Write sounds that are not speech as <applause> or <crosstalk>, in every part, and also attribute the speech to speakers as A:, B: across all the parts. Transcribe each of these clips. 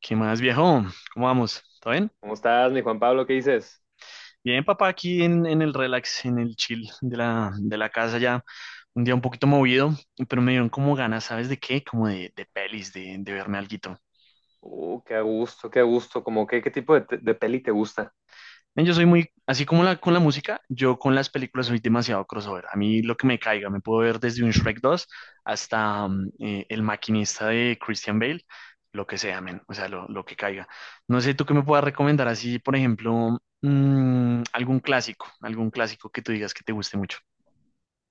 A: ¿Qué más, viejo? ¿Cómo vamos? ¿Todo bien?
B: ¿Cómo estás, mi Juan Pablo? ¿Qué dices?
A: Bien, papá, aquí en el relax, en el chill de la casa ya. Un día un poquito movido, pero me dieron como ganas, ¿sabes de qué? Como de pelis, de verme algo.
B: Qué a gusto, qué a gusto. Como que, ¿qué tipo de, de peli te gusta?
A: Men, yo soy muy, así como con la música, yo con las películas soy demasiado crossover. A mí lo que me caiga, me puedo ver desde un Shrek 2 hasta El Maquinista de Christian Bale, lo que sea, men, o sea, lo que caiga. No sé, tú qué me puedas recomendar así, por ejemplo, algún clásico que tú digas que te guste mucho.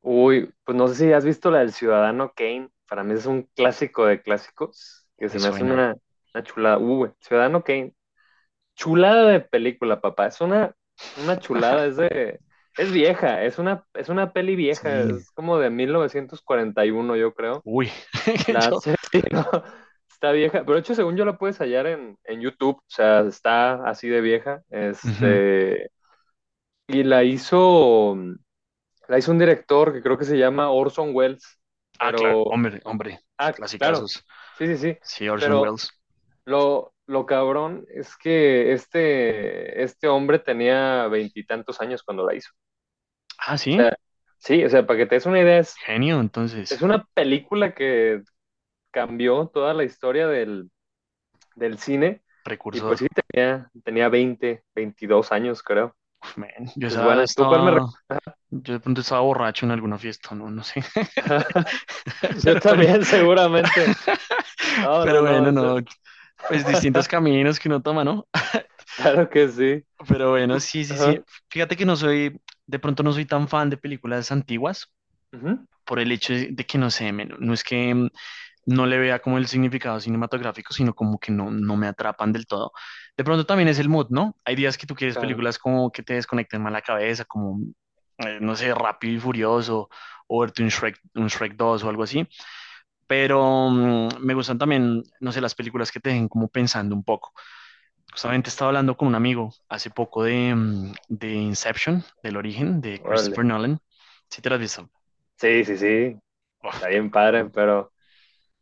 B: Uy, pues no sé si has visto la del Ciudadano Kane. Para mí es un clásico de clásicos, que
A: Me
B: se me hace
A: suena,
B: una chulada. Uy, Ciudadano Kane. Chulada de película, papá. Es una chulada, es de... Es vieja, es una peli vieja,
A: sí,
B: es como de 1941, yo creo.
A: uy, <laughs>
B: La
A: yo,
B: serie, <laughs> ¿no? Está vieja, pero de hecho, según yo la puedes hallar en YouTube, o sea, está así de vieja.
A: ujú.
B: Este, y la hizo un director que creo que se llama Orson Welles,
A: Ah, claro,
B: pero,
A: hombre, hombre,
B: ah, claro,
A: clasicazos.
B: sí, sí, sí,
A: Sí, Orson
B: pero
A: Welles.
B: lo cabrón es que este hombre tenía veintitantos años cuando la hizo.
A: Ah,
B: O
A: sí,
B: sea, sí, o sea, para que te des una idea,
A: genio, entonces,
B: es una película que cambió toda la historia del cine. Y pues
A: precursor.
B: sí, tenía 20, 22 años, creo.
A: Men,
B: Es buena. ¿Tú cuál me
A: yo de pronto estaba borracho en alguna fiesta, no, no sé.
B: recomiendas?
A: <laughs>
B: <laughs> Yo
A: Pero bueno.
B: también, seguramente.
A: <laughs>
B: No,
A: Pero
B: no, no.
A: bueno, no. Pues distintos
B: <laughs>
A: caminos que uno toma, ¿no? <laughs>
B: Claro que sí.
A: Pero bueno,
B: ¿Tú?
A: sí, sí, sí.
B: Ajá.
A: Fíjate que de pronto no soy tan fan de películas antiguas
B: Ujú.
A: por el hecho de que no sé, men, no es que no le vea como el significado cinematográfico, sino como que no me atrapan del todo. De pronto también es el mood, ¿no? Hay días que tú quieres
B: Claro.
A: películas como que te desconecten más la cabeza, como, no sé, Rápido y Furioso, o verte un Shrek dos o algo así. Pero me gustan también, no sé, las películas que te dejen como pensando un poco.
B: Ok.
A: Justamente estaba hablando con un amigo hace poco de Inception, del origen, de
B: Órale.
A: Christopher Nolan. Si te lo has visto.
B: Sí, sí, sí.
A: Uf,
B: Está bien
A: película.
B: padre, pero...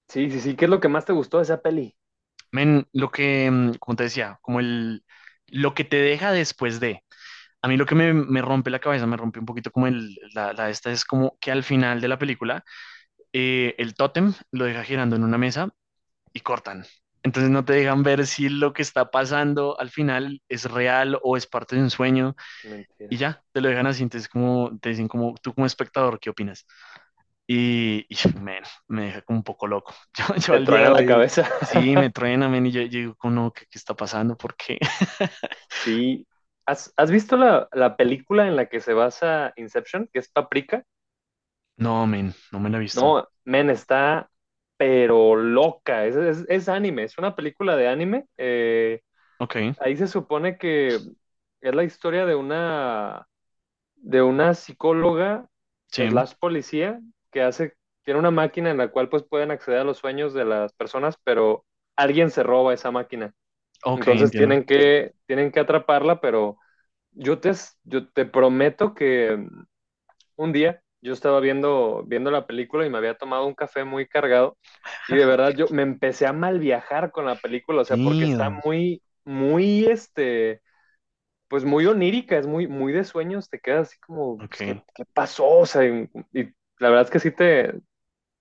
B: Sí, sí, sí. ¿Qué es lo que más te gustó de esa peli?
A: Men, lo que, como te decía, lo que te deja después de. A mí lo que me rompe la cabeza, me rompe un poquito como el, la esta, es como que al final de la película, el tótem lo deja girando en una mesa y cortan. Entonces no te dejan ver si lo que está pasando al final es real o es parte de un sueño y
B: Mentira.
A: ya, te lo dejan así. Entonces como, te dicen como, tú como espectador, ¿qué opinas? Y <laughs> men, me deja como un poco loco. <laughs> Yo
B: Te
A: al día de
B: truena la
A: hoy,
B: cabeza.
A: sí, me
B: <laughs>
A: truena, men, y yo digo, como, no, ¿qué está pasando? ¿Por qué? <laughs>
B: Sí. ¿Has, has visto la película en la que se basa Inception, que es Paprika?
A: No, men, no me la he visto.
B: No, men, está pero loca. Es anime, es una película de anime.
A: Ok,
B: Ahí se supone que es la historia de de una psicóloga
A: sí,
B: slash policía que tiene una máquina en la cual pues pueden acceder a los sueños de las personas, pero alguien se roba esa máquina.
A: ok,
B: Entonces
A: entiendo.
B: tienen que atraparla, pero yo te, yo te prometo que un día yo estaba viendo la película y me había tomado un café muy cargado y de verdad yo me empecé a mal viajar con la película, o sea, porque está
A: Damn,
B: muy, muy, pues muy onírica, es muy, muy de sueños, te quedas así como, pues, ¿qué,
A: ok.
B: qué pasó? O sea, y la verdad es que sí te,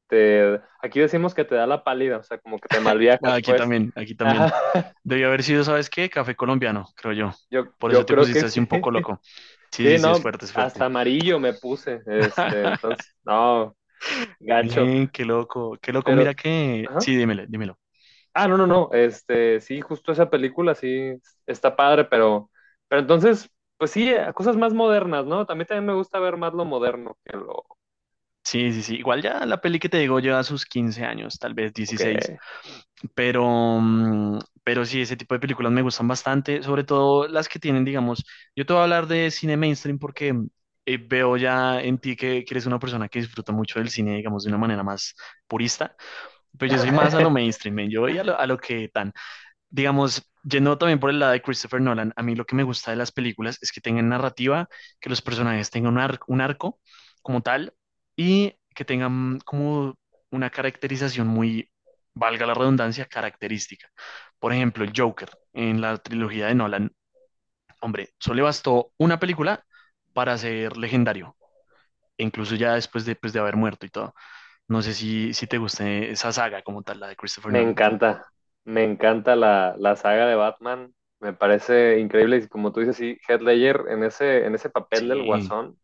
B: te, aquí decimos que te da la pálida, o sea, como que te mal
A: Bueno,
B: viajas,
A: aquí
B: pues.
A: también, aquí también.
B: Ajá, <laughs>
A: Debió haber sido, ¿sabes qué? Café colombiano, creo yo. Por eso
B: yo
A: te
B: creo que
A: pusiste así
B: sí.
A: un poco
B: <laughs>
A: loco. Sí, sí,
B: Sí,
A: sí, es
B: no,
A: fuerte, es
B: hasta
A: fuerte.
B: amarillo me puse,
A: <laughs>
B: este, entonces, no, gacho,
A: Bien, qué loco, qué loco.
B: pero,
A: Mira que,
B: ajá.
A: sí, dímelo, dímelo.
B: Ah, no, no, no. Este, sí, justo esa película sí está padre, pero entonces, pues sí, a cosas más modernas, ¿no? También me gusta ver más lo moderno que lo
A: Sí, sí, sí. Igual ya la peli que te digo lleva sus 15 años, tal vez 16,
B: que
A: Pero, mm, pero sí, ese tipo de películas me gustan bastante, sobre todo las que tienen, digamos, yo te voy a hablar de cine mainstream porque veo ya en ti que eres una persona que disfruta mucho del cine, digamos, de una manera más purista, pero yo soy más a lo
B: <laughs>
A: mainstream, men, yo voy a lo, que tan digamos, yendo también por el lado de Christopher Nolan, a mí lo que me gusta de las películas es que tengan narrativa, que los personajes tengan un arco como tal y que tengan como una caracterización muy, valga la redundancia, característica. Por ejemplo, el Joker en la trilogía de Nolan, hombre, solo le bastó una película para ser legendario. E incluso ya después de, pues, de haber muerto y todo. No sé si te guste esa saga como tal, la de Christopher
B: me
A: Nolan.
B: encanta. Me encanta la saga de Batman. Me parece increíble. Y como tú dices, sí, Heath Ledger en en ese papel del
A: Sí.
B: guasón.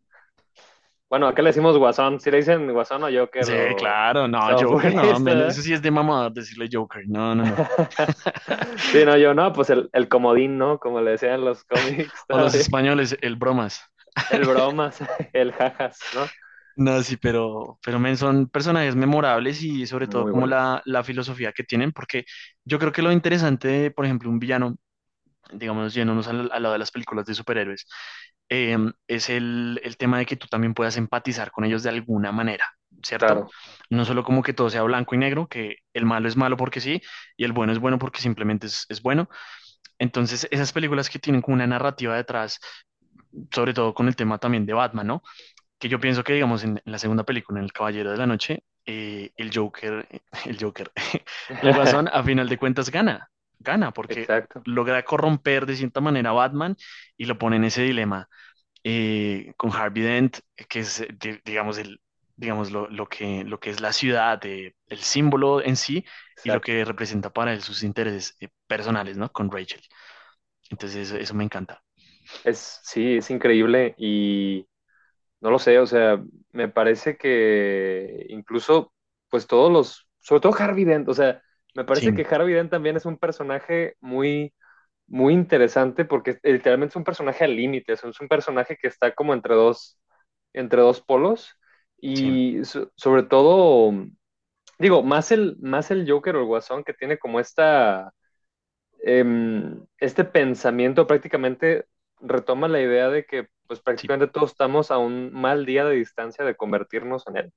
B: Bueno, acá le decimos guasón. Si le dicen guasón o Joker
A: Sí,
B: o
A: claro, no, Joker, no, men, eso
B: esta
A: sí es de mamador decirle Joker, no, no, no.
B: <laughs> Sí, no, yo no, pues el comodín, ¿no? Como le decían en los cómics, <laughs>
A: O
B: está
A: los
B: bien.
A: españoles, el bromas.
B: El bromas, <laughs> el jajas, ¿no?
A: No, sí, pero, men, son personajes memorables y sobre todo
B: Muy
A: como
B: buenos,
A: la filosofía que tienen, porque yo creo que lo interesante de, por ejemplo, un villano, digamos, yéndonos al, lado de las películas de superhéroes, eh, es el tema de que tú también puedas empatizar con ellos de alguna manera, ¿cierto?
B: claro.
A: No solo como que todo sea blanco y negro, que el malo es malo porque sí y el bueno es bueno porque simplemente es, bueno. Entonces, esas películas que tienen como una narrativa detrás, sobre todo con el tema también de Batman, ¿no? Que yo pienso que, digamos, en la segunda película, en El Caballero de la Noche, el Joker, <laughs> el Guasón, a
B: <laughs>
A: final de cuentas gana, gana, porque
B: Exacto,
A: logra corromper de cierta manera a Batman y lo pone en ese dilema, con Harvey Dent, que es, digamos, lo que es la ciudad, el símbolo en sí y lo
B: exacto.
A: que representa para él sus intereses, personales, ¿no? Con Rachel. Entonces eso me encanta.
B: Sí, es increíble y no lo sé, o sea, me parece que incluso, pues todos los, sobre todo Harvey Dent, o sea, me parece
A: Sí,
B: que Harvey Dent también es un personaje muy, muy interesante porque literalmente es un personaje al límite, o sea, es un personaje que está como entre dos polos
A: sí,
B: y sobre todo digo, más el Joker o el Guasón que tiene como esta, este pensamiento prácticamente retoma la idea de que pues
A: sí,
B: prácticamente todos estamos a un mal día de distancia de convertirnos en él.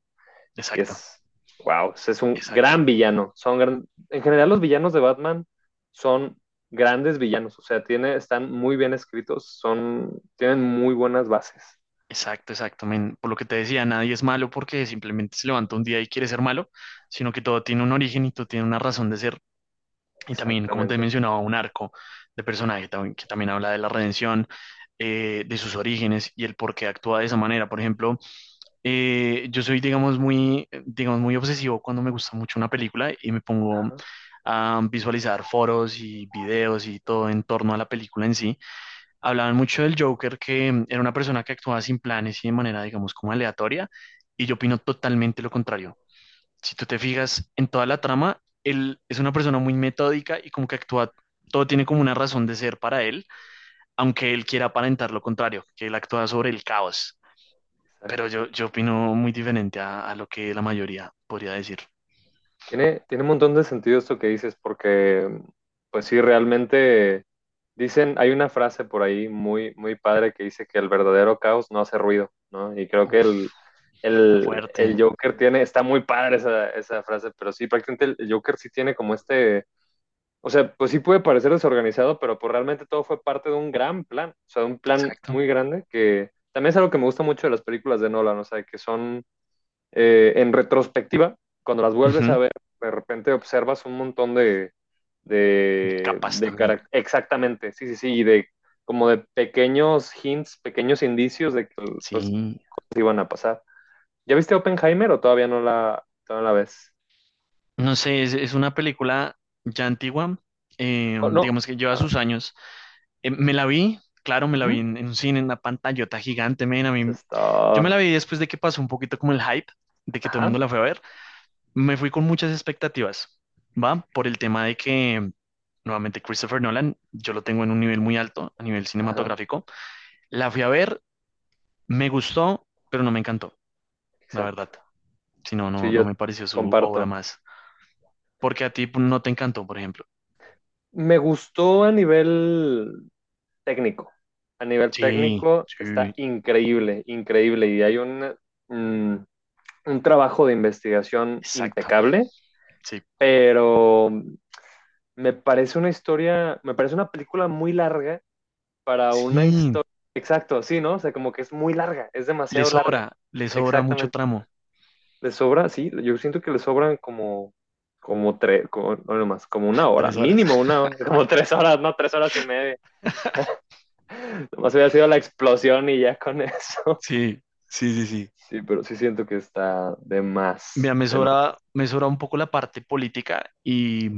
B: Y
A: exacto,
B: es, wow, es un
A: exacto,
B: gran villano. En general los villanos de Batman son grandes villanos, o sea, tiene, están muy bien escritos, son, tienen muy buenas bases.
A: exacto, exacto. Men. Por lo que te decía, nadie es malo porque simplemente se levanta un día y quiere ser malo, sino que todo tiene un origen y todo tiene una razón de ser. Y también, como te
B: Exactamente.
A: mencionaba, un arco de personaje que también habla de la redención, de sus orígenes y el por qué actúa de esa manera. Por ejemplo, yo soy, digamos, muy obsesivo cuando me gusta mucho una película y me pongo
B: Ajá,
A: a visualizar foros y videos y todo en torno a la película en sí. Hablaban mucho del Joker, que era una persona que actuaba sin planes y de manera, digamos, como aleatoria, y yo opino totalmente lo contrario. Si tú te fijas en toda la trama, él es una persona muy metódica y como que actúa, todo tiene como una razón de ser para él, aunque él quiera aparentar lo contrario, que él actúa sobre el caos. Pero yo opino muy diferente a lo que la mayoría podría decir.
B: tiene, tiene un montón de sentido esto que dices, porque pues sí, realmente dicen, hay una frase por ahí muy, muy padre que dice que el verdadero caos no hace ruido, ¿no? Y creo que
A: Uf, está fuerte.
B: el Joker tiene, está muy padre esa frase, pero sí, prácticamente el Joker sí tiene como este, o sea, pues sí puede parecer desorganizado, pero pues realmente todo fue parte de un gran plan, o sea, de un plan
A: Exacto.
B: muy grande que también es algo que me gusta mucho de las películas de Nolan, o sea, que son en retrospectiva, cuando las vuelves
A: Ujú.
B: a ver, de repente observas un montón de,
A: De capas también.
B: exactamente, sí, sí, sí, y de como de pequeños hints, pequeños indicios de que pues,
A: Sí.
B: cosas iban a pasar. ¿Ya viste Oppenheimer o todavía no todavía no la ves?
A: No sé, es, una película ya antigua,
B: Co- no.
A: digamos que lleva
B: Ah,
A: sus años. Me la vi, claro, me la vi
B: ujú.
A: en un cine, en una pantallota gigante, men,
B: Eso
A: yo me la
B: está.
A: vi después de que pasó un poquito como el hype, de que todo el mundo
B: Ajá,
A: la fue a ver. Me fui con muchas expectativas, ¿va? Por el tema de que, nuevamente, Christopher Nolan, yo lo tengo en un nivel muy alto a nivel
B: ajá,
A: cinematográfico. La fui a ver, me gustó, pero no me encantó, la
B: exacto.
A: verdad. Si no,
B: Sí,
A: no
B: yo
A: me pareció su obra
B: comparto.
A: más. Porque a ti no te encantó, por ejemplo.
B: Me gustó a nivel técnico. A nivel
A: Sí,
B: técnico está
A: sí,
B: increíble, increíble. Y hay un, mm, un trabajo de investigación
A: exacto.
B: impecable,
A: Sí,
B: pero me parece una historia, me parece una película muy larga para una
A: sí,
B: historia. Exacto, sí, ¿no? O sea, como que es muy larga, es demasiado larga.
A: le sobra mucho
B: Exactamente.
A: tramo.
B: Le sobra, sí, yo siento que le sobran como, como tres, como, no no más, como una
A: <laughs>
B: hora,
A: Tres horas.
B: mínimo
A: <laughs>
B: una hora, <laughs> como tres horas, no, tres horas y media. Nomás hubiera sido la explosión y ya con <laughs> eso.
A: Sí, sí, sí, sí.
B: Sí, pero sí siento que está de
A: Mira,
B: más, de más.
A: me sobra un poco la parte política y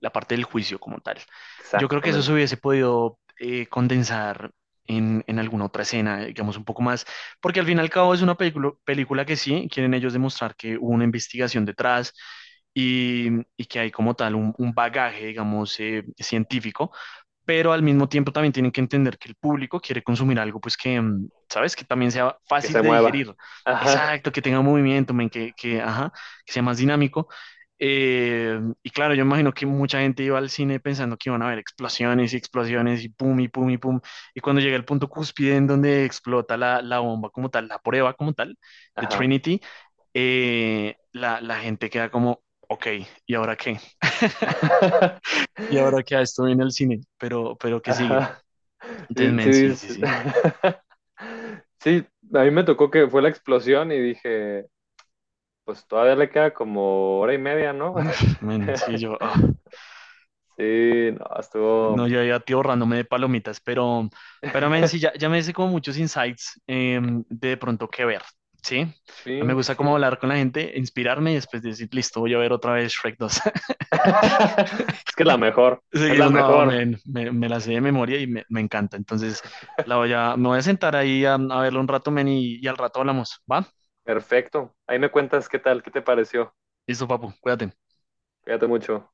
A: la parte del juicio como tal. Yo creo que eso se
B: Exactamente.
A: hubiese podido, condensar en, alguna otra escena, digamos un poco más, porque al fin y al cabo es una película, película que sí, quieren ellos demostrar que hubo una investigación detrás y, y que hay como tal un bagaje, digamos, científico, pero al mismo tiempo también tienen que entender que el público quiere consumir algo, pues ¿sabes? Que también sea
B: Que
A: fácil
B: se
A: de
B: mueva.
A: digerir.
B: Ajá,
A: Exacto, que tenga movimiento, men, que, ajá, que sea más dinámico. Y claro, yo imagino que mucha gente iba al cine pensando que iban a haber explosiones y explosiones y pum y pum y pum. Y cuando llega el punto cúspide en donde explota la, la, bomba como tal, la prueba como tal de
B: ajá.
A: Trinity, la gente queda como, ok, ¿y ahora qué?
B: <laughs>
A: ¿Y ahora qué? A esto viene el cine, pero ¿qué sigue?
B: Ajá. Sí, sí,
A: Desmen, sí, sí, sí.
B: <laughs> sí, a mí me tocó que fue la explosión y dije, pues todavía le queda como hora y media, ¿no?
A: <laughs> Men, sí,
B: <laughs> Sí, no,
A: no,
B: estuvo.
A: yo ya tío ahorrándome de palomitas, pero men, sí, ya,
B: <laughs>
A: ya me hice como muchos insights, de pronto qué ver, ¿sí? A mí me
B: Sí,
A: gusta como
B: sí.
A: hablar con la gente, inspirarme y después decir, listo, voy a ver otra vez Shrek 2.
B: <laughs> Es que es la
A: <laughs>
B: mejor, es la
A: Seguimos, no,
B: mejor.
A: men, me la sé de memoria y me encanta. Entonces, me voy a sentar ahí a verlo un rato, men, y al rato hablamos, ¿va?
B: Perfecto. Ahí me cuentas qué tal, qué te pareció.
A: Listo, papu, cuídate.
B: Cuídate mucho.